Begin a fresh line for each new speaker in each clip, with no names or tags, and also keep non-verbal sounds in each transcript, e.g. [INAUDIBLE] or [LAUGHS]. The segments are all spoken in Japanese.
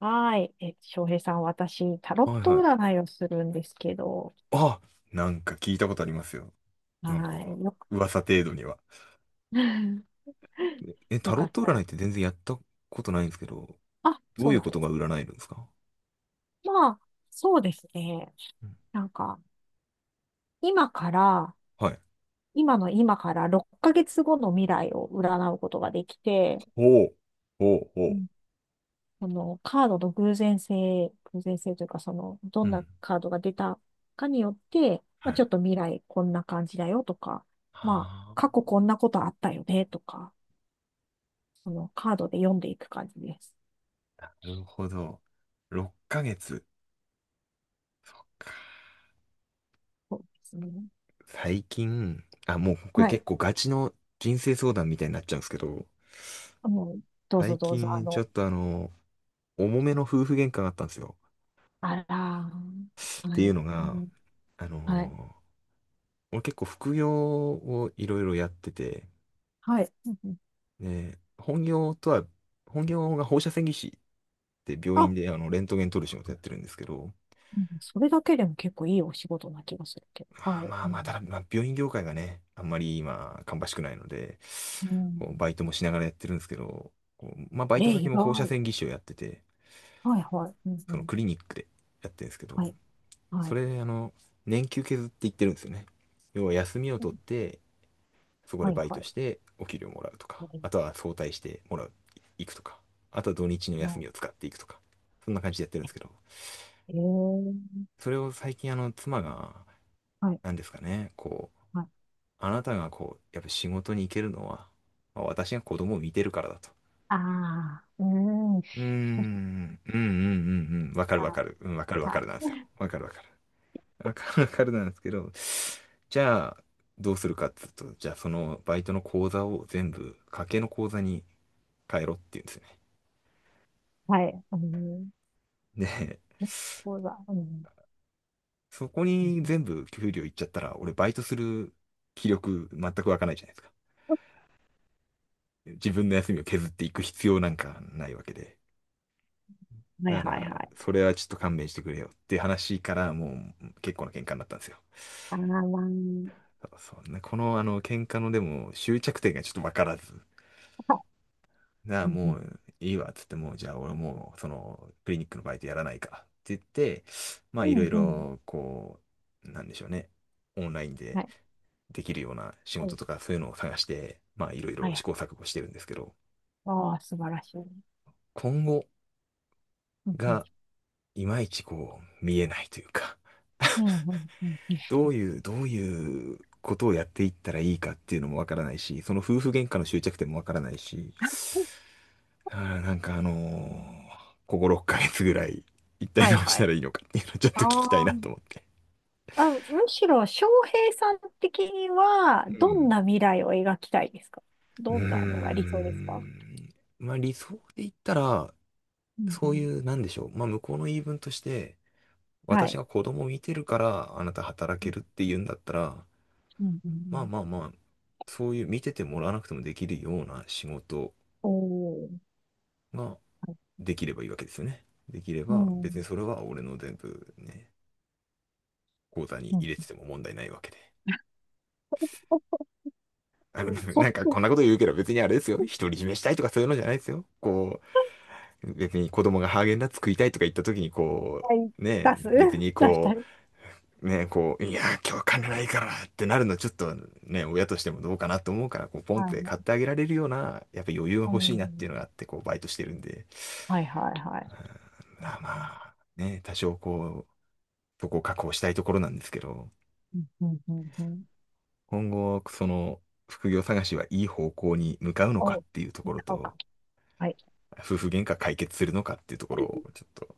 はい。翔平さん、私、タロッ
はい
ト
はい。
占いをするんですけど、
あ、なんか聞いたことありますよ。なんか、
はい。よく、
噂程度には。
[LAUGHS]
タ
よ
ロ
か
ッ
っ
ト
た
占い
ら。
って全然やったことないんですけど、
あ、
ど
そ
う
う
い
な
う
ん
こ
で
とが
す。
占えるんですか？
まあ、そうですね。
うん。
なんか、今から、
はい。
今の今から6ヶ月後の未来を占うことができて、
ほう、ほう、ほ
う
う。
ん、そのカードの偶然性というか、その、ど
う
んな
ん。
カードが出たかによって、ま
は
あ、ち
い。
ょっと未来こんな感じだよとか、まあ、
あ
過去こんなことあったよねとか、そのカードで読んでいく感じです。
あ、なるほど。6ヶ月。
そうですね。
最近、あ、もうこれ
はい。
結構ガチの人生相談みたいになっちゃうんですけど、
もう、どうぞ
最
どうぞ、
近ちょっと重めの夫婦喧嘩があったんですよ。
あらー、
っ
は
ていう
い。
の
う
が、
ん、
あの
はい。
ー俺結構副業をいろいろやってて、
はい。うんうん、
ね、本業とは、本業が放射線技師って病院
あ、
であのレントゲン撮る仕事やってるんですけど、
うん、それだけでも結構いいお仕事な気がするけど。
ま
は
あ
い。
まあ
う
まあ、た
ん、
だ、まあ、病院業界がね、あんまり今、芳しくないので、
う
こう
ん。
バイトもしながらやってるんですけど、こうまあバ
え
イ
ー、
ト先
意
も放射
外。
線技師をやってて、
はいはい。うんう
その
ん、
クリニックでやってるんですけど、
はい。は
そ
い。
れ、あの、年休削って言ってるんですよね。要は休みを取ってそこで
はい
バイ
は
ト
い。
してお給料もらうと
え
か、
ー、
あとは早退してもらう、行くとか、あとは土日の休みを使っていくとか、そんな感じでやってるんですけど、
えー、
それを最近あの妻が、
はい
何ですかね、こう、
はい。
あなたがこう、やっぱ仕事に行けるのは、まあ私が子供を見てるからだと。
ああ、うん。は
うーん、うん、わかる
い
わかる、うん、わかるわ
は
かるなんです
い。
よ。わかる。わかるなんですけど、じゃあ、どうするかっつうと、じゃあそのバイトの口座を全部、家計の口座に変えろっていうんですよね。
はい。うん。
ねえ、
結構だ。うん。
[LAUGHS] そこに全部給料いっちゃったら、俺バイトする気力全く湧かないじゃないですか。自分の休みを削っていく必要なんかないわけで。
はい
だか
はいは
ら、
い。
それはちょっと勘弁してくれよって話からもう結構な喧嘩になったんですよ。
あー、ま
そうね、このあの喧嘩のでも終着点がちょっとわからず。
あ、[LAUGHS] あ、
なあ、
うんうん
もういいわ、っつって、もう、じゃあ俺もう、その、クリニックのバイトやらないから、って言って、まあ、
う
いろ
ん
い
うん。
ろ、こう、なんでしょうね、オンライン
は
で
い。
できるような仕
は
事
い。
とか、そういうのを探して、まあ、いろい
は
ろ試
い。
行錯誤してるんですけど、
ああ、素晴らしい。う
今後
んうん
が、いまいちこう、見えないというか、
うんうん、うんうん。
どういうことをやっていったらいいかっていうのもわからないし、その夫婦喧嘩の終着点もわからないし、だからなんかここ6ヶ月ぐらい、一体
は
ど
い
うし
は
た
い。
らいいのかっていうのを [LAUGHS] ちょっ
あ
と聞きたいな
ー、
と思って。
あ、むしろ、翔平さん的には、
う
どん
ん。
な未来を描きたいですか？
うー
どんなのが理想ですか？
ん。まあ理想で言ったら、
うんう
そうい
ん、
う、なんでしょう。まあ向こうの言い分として、
は
私
い。
が子供を見てるからあなた働
う
け
ん
るって言うんだったら、
うんう
まあ
ん、
まあまあ、そういう見ててもらわなくてもできるような仕事
おー。
ができればいいわけですよね。できれ
う
ば、
んう
別に
ん、
それは俺の全部ね、口座に
うん、
入れてても問題ないわけで。あの、
そっ
なんか
ち、
こんなこと言うけど別にあれですよ。独り占めしたいとかそういうのじゃないですよ。こう、別に子供がハーゲンダッツ食いたいとか言った時にこ
にい、
う、ね、
出す
別に
[LAUGHS] 出し
こ
たり。
う、ね、こう、いや、今日金ないからってなるのちょっとね、親としてもどうかなと思うから、こう、ポンっ
はい
て
は
買って
い。
あげられるような、やっぱ余裕が
う
欲しいなっていう
ん、
のがあって、こう、バイトしてるんで。
はいはいは
うん。
い。
まあまあ、ね、多少こう、そこを確保したいところなんですけど、
うんうんうんうん、
今後、その、副業探しはいい方向に向かうのかっ
お、使
ていうところ
おう
と、
か。はい。
夫婦喧嘩解決するのかっていうところをちょっと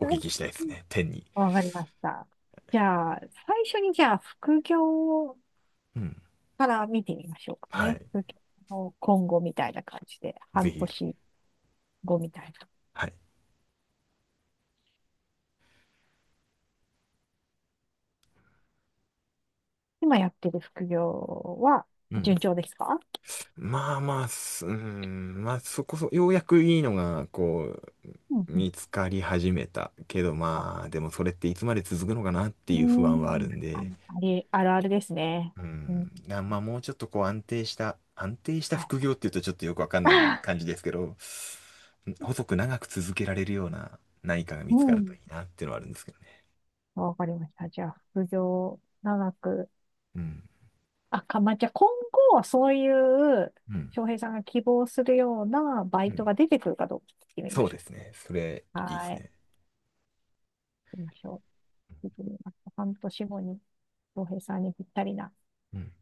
お聞
ん、
きしたいですね。天に。
わかりました。じゃあ、最初にじゃあ、副業
うん。
から見てみましょうか
は
ね。
い。
副業の今後みたいな感じで、
ぜ
半
ひ。
年後みたいな。
はい。
今やってる副業は
うん。
順調ですか？
まあ、すうーん、まあそこそ、ようやくいいのが、こ
うん
う、
うん、
見つかり始めた。けど
あ、
まあ、でもそれっていつまで続くのかなって
うー
いう不安はあ
ん、
るん
あ
で、
の、あれ、あるあるですね。
う
う
ん、
ん。
なまあもうちょっとこう安定した
はい。
副業っていうとちょっとよくわかんない感じ
[LAUGHS]
ですけど、細く長く続けられるような何かが見
う
つかるとい
ん。
いなっていうのはあるんですけどね。
わかりました。じゃあ、副業長く、
うん。
まあ、じゃあ今後はそういう、
うん。
翔平さんが希望するようなバ
う
イト
ん。
が出てくるかどうか聞いてみ
そ
ま
う
し
で
ょ
すね。それ、
う。
いいです
はい。
ね。
行きましょう。聞いてみます。半年後に、翔平さんにぴったりな、
うん。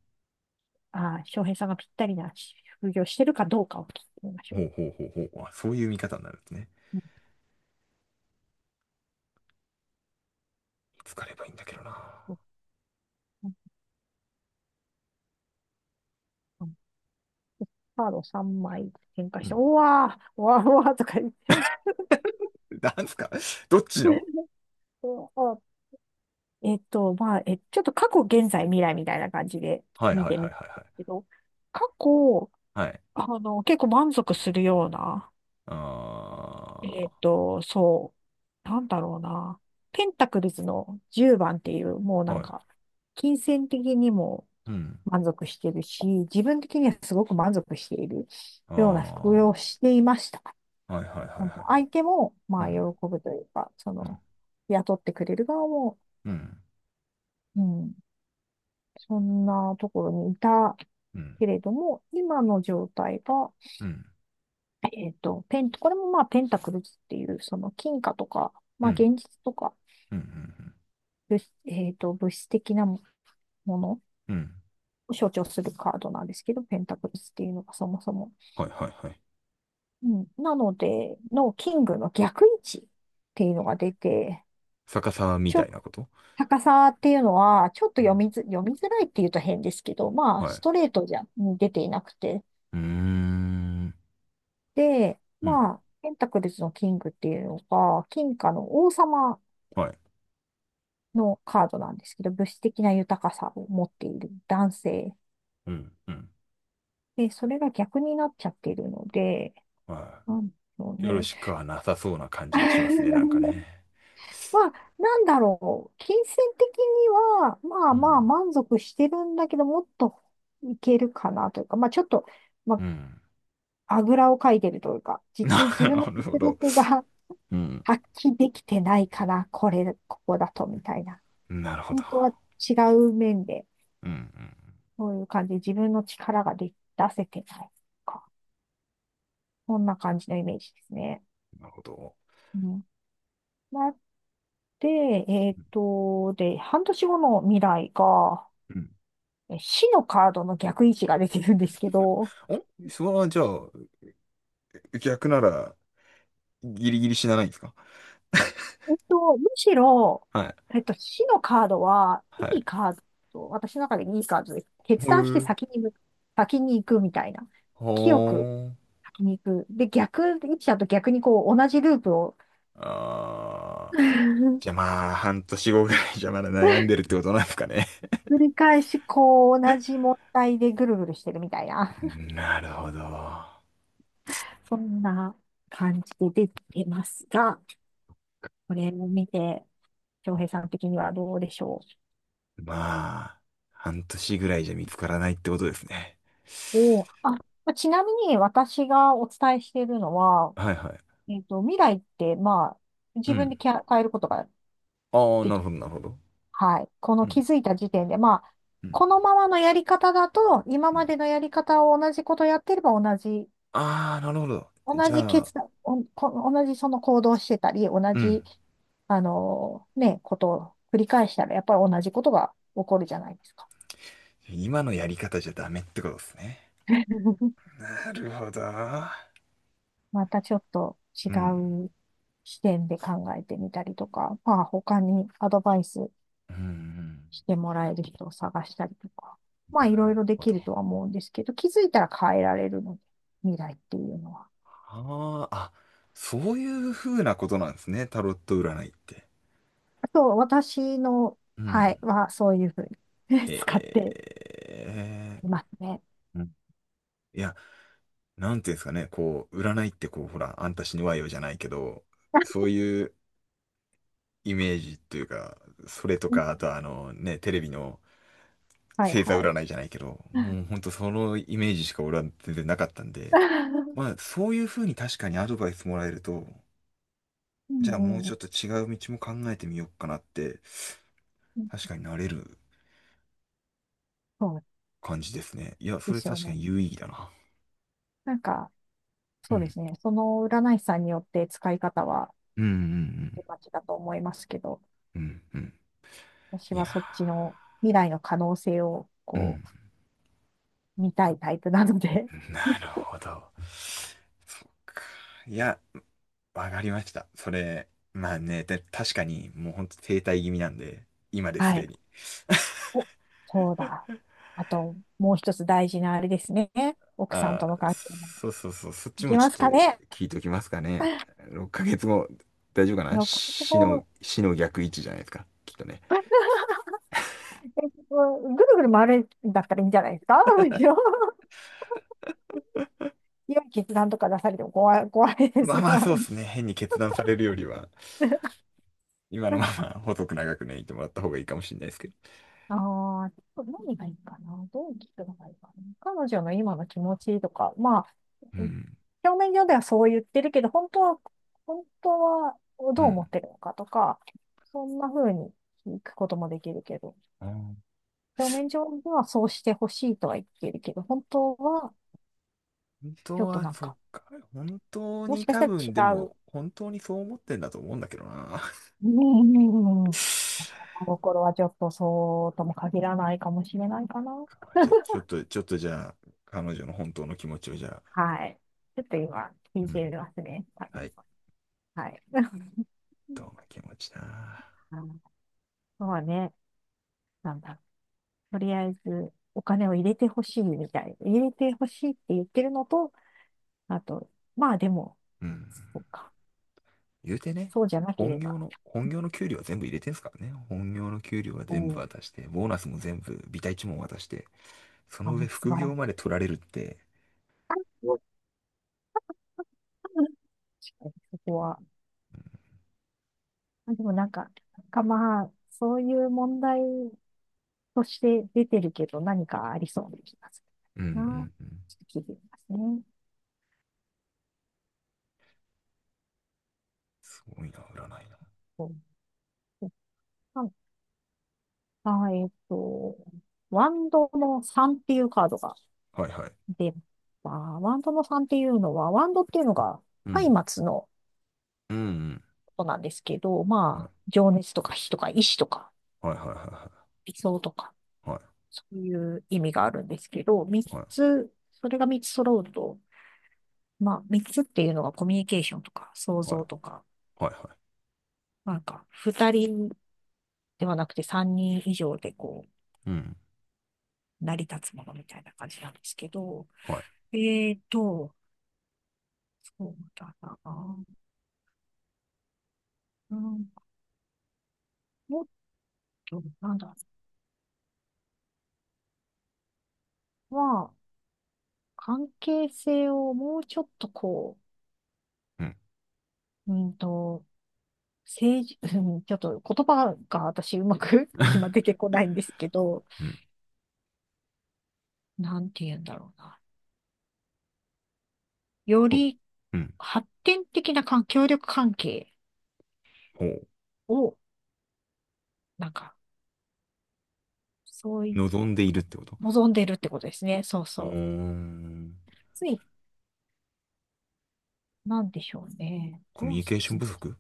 翔平さんがぴったりな副業してるかどうかを聞いてみまし
ほ
ょ
うほうほうほう。あ、そういう見方になるんですね。
う。うん
疲ればいいんだけどな。
うんうん、カード3枚展開
う
して、う
ん。
わー、うわー、うわーとか言って。
なんすか [LAUGHS] どっちの。
[LAUGHS] そうあえっと、ちょっと過去、現在、未来みたいな感じで
はいはい
見
はい
て
は
み
い
たんで
は
すけど、過去、
い。はい。
あの、結構満足するような、えっ
あ
と、そなんだろうな。ペンタクルズの10番っていう、もう
ー、
な
は
ん
い。
か、金銭的にも
うん。
満足してるし、自分的にはすごく満足しているような服
あ
用をしていました。
ー、はいはいはい
本当、
は
相手も、ま
い。う
あ、喜
ん。
ぶというか、そ
うん。
の、雇ってくれる側も、
うん。
うん、そんなところにいた
うん。
けれども、今の状態が、
うん。
これもまあペンタクルズっていう、その金貨とか、
う
まあ
ん。
現実とか、
うん。うん。
物えっと、物質的なもの
うん。
を象徴するカードなんですけど、ペンタクルズっていうのがそもそも。
はいはいはい。
うん、なので、のキングの逆位置っていうのが出て、
逆さまみ
ち
た
ょ、
いなこと。
高さっていうのは、ちょっと
うん。
読みづらいっていうと変ですけど、まあ、
は
ス
い。
トレートじゃ、に出ていなくて。
うーん。
で、
うん。
まあ、ペンタクルズのキングっていうのが、金貨の王様
はい。
のカードなんですけど、物質的な豊かさを持っている男性。
うん。うん。
で、それが逆になっちゃっているので、
は
なんでしょう
い。よろ
ね。
しくはなさそうな感じがしますね、なんか
[LAUGHS]
ね。
まあ、なんだろう。金銭的には、ま
う
あまあ
ん。
満足してるんだけど、もっといけるかなというか、まあちょっと、
う
ま
ん。
あ、あぐらをかいてるというか、
[LAUGHS] な
自分の
るほ
実
ど。
力が
う
[LAUGHS]
ん。
発揮できてないから、これ、ここだと、みたいな。
なるほど。
本当は違う面で
うん、う
そういう感じ。で自分の力が出せてないか。こんな感じのイメージですね。
ん。なるほど。
うん。なって、えっと、で、半年後の未来が、
うん。
え、死のカードの逆位置が出てるんですけど、
お、それはじゃあ、逆なら、ギリギリ死なないんですか？
えっと、むしろ、
はい。
えっと、死のカードは、
は
い
い。
いカード、私の中でいいカードで、決
ほ
断して
う。
先に向、先に行くみたいな。
ほ
清く
う。
先に行く。で、逆位置だと逆にこう、同じループを
あー。
[LAUGHS]
じゃあまあ、半年後ぐらいじゃまだ悩んでるってことなんですかね。
繰り返し、こう、同じ問題でぐるぐるしてるみたいな、
なるほど。
[LAUGHS] そんな感じで出てますが、これを見て、翔平さん的にはどうでしょ
まあ、半年ぐらいじゃ見つからないってことですね。
う。おー、あ、まあ、ちなみに私がお伝えしているのは、
はいはい。
えっと、未来って、まあ、
う
自分
ん。
で変えることが
ああ、
で
なる
きる。
ほど、なるほど。
はい。こ
う
の気
ん、
づいた時点で、まあ、
うん、
このままのやり方だと、今
うん。
までのやり方を同じことやってれば同じ
ああ、なるほど。
同
じ
じ
ゃあ、
決断、おこ同じその行動をしてたり、同
うん。
じ、あのね、ことを繰り返したら、やっぱり同じことが起こるじゃないですか。
今のやり方じゃダメってことですね。
[LAUGHS]
なるほど。
またちょっと違
うん、
う視点で考えてみたりとか、まあ他にアドバイス
うん、うん。なる
してもらえる人を探したりとか、まあいろいろで
ほ
きる
ど。
とは思うんですけど、気づいたら変えられるので、未来っていうのは。
ああ、あ、そういうふうなことなんですね。タロット占いって。
あと、私の、
う
はい、
ん。
はそういうふうに [LAUGHS]
へ
使って
え。
いますね。
うん。いや、なんていうんですかね、こう、占いってこう、ほら、あんた死ぬわよじゃないけど、そういうイメージというか、それとか、あ
[LAUGHS]
とはあのね、テレビの、
はい
星座
はい。
占いじゃないけど、もうほんとそのイメージしか俺は全然なかったんで、
[LAUGHS]
まあそういう風に確かにアドバイスもらえると、
う
じゃあもう
んう
ちょっ
ん。
と違う道も考えてみようかなって、確かになれる
そう
感じですね。いや、そ
で
れ
すよ
確か
ね。
に有意義だな。
なんか、
う
そうで
ん。
すね。その占い師さんによって使い方は
うんうんうん
まちだと思いますけど、
うん。うんうん。
私
いや
はそっちの未来の可能性を
ー、う
こ
ん。
う、見たいタイプなので、[LAUGHS]
なるほど。そっか。いや、わかりました。それ、まあね、で確かにもうほんと停滞気味なんで、今です
は
で
い。
に。
お、そうだ。あと、もう一つ大事なあれですね。奥さん
あ
との
あ、
関係も。
そう、そっ
い
ち
き
も
ま
ち
す
ょっ
か
と
ね。
聞いときますかね。
[LAUGHS]
6ヶ月後、大丈夫かな
もうこれ
死の、
も
死の逆位置じゃないですか、きっとね。
[LAUGHS] えっと、ぐるぐる回るんだったらいいんじゃないですかむしろ。 [LAUGHS] 良い決断とか出されても怖いです
まあ
が。
まあ、そうですね。変に決断されるよりは、
[LAUGHS]
今のまま細く長くね、いてもらった方がいいかもしれないですけど。
ああ、何がいいかな。どう聞くのがいいかな。彼女の今の気持ちとか、まあ、
うん、
表面上ではそう言ってるけど、本当は
う
どう思っ
ん。
てるのかとか、そんな風に聞くこともできるけど、
あー、
表面上ではそうしてほしいとは言ってるけど、本当は
本
ち
当
ょっと
は、
なん
そっ
か、
か。本当
もし
に
かし
多
た
分、で
ら違う。
も、本当にそう思ってんだと思うんだけどな。
うんうんうんうん、
[LAUGHS]
心の頃はちょっとそうとも限らないかもしれないかな。
じゃあ、ちょっ
[LAUGHS]
と、ちょっとじゃあ、彼女の本当の気持ちをじゃあ、
はい。ちょっと今、聞
うん。
いてますね。
はい、
はい。[LAUGHS]
どんな気持ちだ。
あのそうはね、なんだろう、とりあえずお金を入れてほしいみたい。入れてほしいって言ってるのと、あと、まあでも、
うん。
そうか。
言うてね、
そうじゃなけ
本
れ
業
ば、
の、本業の給料は全部入れてんすからね。本業の給料は
う
全部
ん、
渡して、ボーナスも全部、ビタ一文渡して、そ
あ
の上
の、素
副
晴
業
ら
まで
し
取られるって、
い。[LAUGHS] 確かにそこは。あ、でもなんか、なんかまあ、そういう問題として出てるけど何かありそうな気がす
うんう
るな。
んうん。
ちょっと聞いてみますね。
すごいな、占いな。
あ、えっと、ワンドの3っていうカードが
はいはい。
出、まあ、ワンドの3っていうのは、ワンドっていうのが、
うん。
松明の
うん
ことなんですけど、
うん。
まあ、情熱とか火とか意志とか
はいはいはいは
理想とか、
いはい。
そういう意味があるんですけど、3
はい
つ、それが3つ揃うと、まあ、3つっていうのがコミュニケーションとか、創
はい
造とか、
はいはいは
なんか、2人ではなくて3人以上でこ
い。うん。
う、成り立つものみたいな感じなんですけど、
はい。
えっと、そうだな。うん、もっと、なんだろ、まあ、関係性をもうちょっとこ
うん。
う、うんと、政治、[LAUGHS] うん、ちょっと言葉が私うまく [LAUGHS] 今出て
[LAUGHS]
こないんですけど、
うん。
なんて言うんだろうな。よ
ほ
り
う。ん。
発展的な関協力関係
ほう。
を、なんか、そうい
望んでいる
う、
ってこと。
望んでるってことですね。そう
うー
そう。
ん。
ついなんでしょうね。
コミ
ど
ュ
う
ニケーショ
説
ン
明。
不足。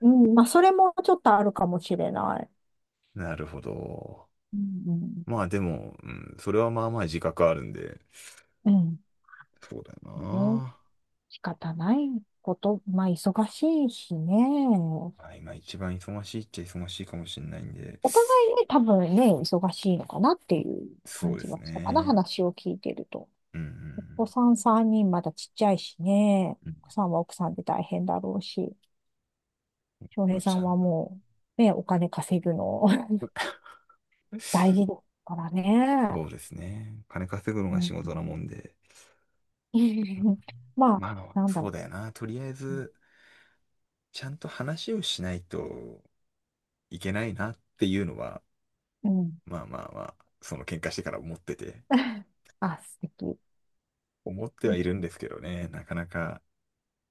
うん、まあ、それもちょっとあるかもしれない。
なるほど。
うん
まあでも、うん、それはまあまあ自覚あるんで、
うん。
そうだよ
うん。ね。
な。
仕方ないこと。まあ、忙しいしね。
まあ、今一番忙しいっちゃ忙しいかもしれないんで、
お互いね、多分ね、忙しいのかなっていう
そ
感
うで
じ
す
はしたかな。
ね。
話を聞いてると。
うんう
お子
ん
さん3人まだちっちゃいしね。
うん。う
奥さ
ん。
んは奥さんで大変だろうし。翔
ど
平
っ
さ
ち
ん
なん
は
だ。
もう、ね、お金稼ぐの [LAUGHS] 大事だからね。
そうですね。金稼ぐの
う
が仕
ん
事なもんで。
うん。[LAUGHS] まあ、
まあ、
なんだ
そ
ろ
う
う。
だよな。とりあえず、ちゃんと話をしないといけないなっていうのは、
うん。
まあ、その喧嘩してから思ってて、
[LAUGHS] あ、素敵。
思って
う
は
ん、
いるんですけどね。なかなか、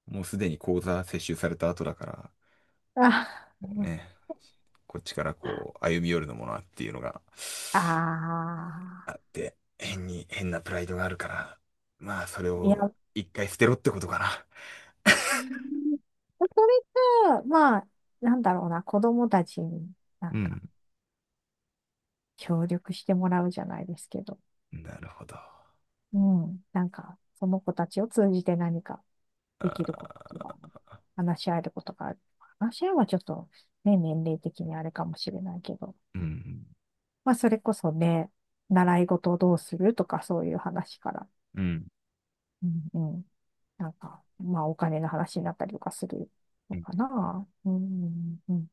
もうすでに口座接収された後だから、
あ、
こうね、こっちからこう、歩み寄るのもなっていうのが
あ
あって、変に、変なプライドがあるから、まあ、それ
ー、いや、
を一回捨てろってことかな。
うん、それかまあ、なんだろうな、子供たちにな
う
んか
ん。
協力してもらうじゃないですけど、
なるほど。
うん、なんか、その子たちを通じて何かできることが、話し合えることがある。話し合いはちょっと、ね、年齢的にあれかもしれないけど、
うん。
まあ、それこそね、習い事をどうするとかそういう話から、
うん。
うん、なんか、まあ、お金の話になったりとかする
う
の
ん。
かな。うん、うん、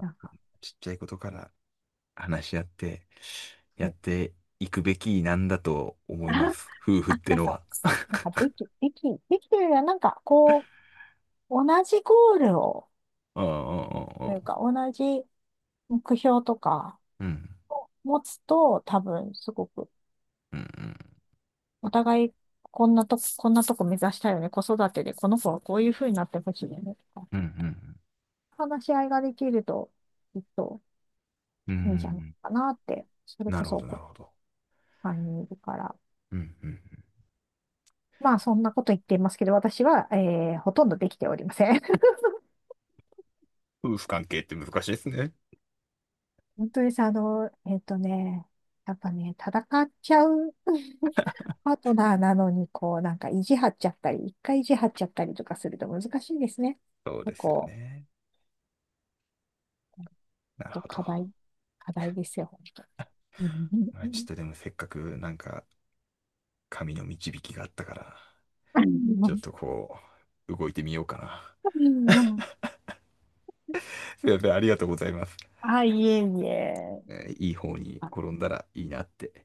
なんか、
ちっちゃいことから話し合って、や
そ
っ
う。
ていくべきなんだと思いま
[LAUGHS]
す。夫婦
あ、
っ
あ
て
なん
の
か、
は。[LAUGHS]
なんかでき、でき、できるよりは、なんか、こう、同じゴールを、
うん
というか、同じ目標とか、
うん
持つと、多分、すごく、
うんうん
お互い、こんなとこ目指したいよね。子育てで、この子はこういう風になってほしいよね。とか、
うんうんうん
話し合いができると、きっと、
うんうんう
いいんじゃない
ん。
かなって、それ
な
こ
るほ
そ、
ど、なる
こ
ほど。
う、3にんいるから。
うんうんうん。
まあ、そんなこと言っていますけど、私は、えー、ほとんどできておりません。[LAUGHS]
夫婦関係って難しいですね。
本当にさ、あの、えっとね、やっぱね、戦っちゃう [LAUGHS] パートナーなのに、こう、なんか意地張っちゃったり、一回意地張っちゃったりとかすると難しいですね。
そう
そ
ですよ
こ、
ね。なる
ちょっと
ほ
課
ど。
題、課題ですよ、本当。うん
ま
う
あ、ちょっ
ん
とでもせっかくなんか神の導きがあったから、ちょっとこう、動いてみようかな。
うん [LAUGHS]
[LAUGHS] すいません、ありがとうございます。
あ、いえいえ。
えーいい方に転んだらいいなって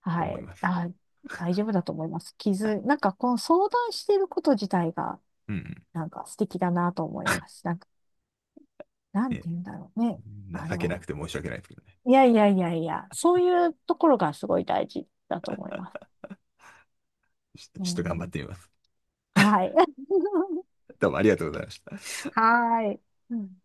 は
思い
い。
ます。
あ、大丈夫だと思います。なんかこの相談してること自体が、
うんう
なんか素敵だなと思います。なんか、な
ん。
ん
ね、
て言うんだろうね。あ
情けなく
の、
て申し訳ないですけどね。
いやいやいやいや、そういうところがすごい大事だと思います。
ちょ
う
ちょっと頑張っ
ん、
てみます。
はい。[LAUGHS]
どうもありがとうございました。
はい。うん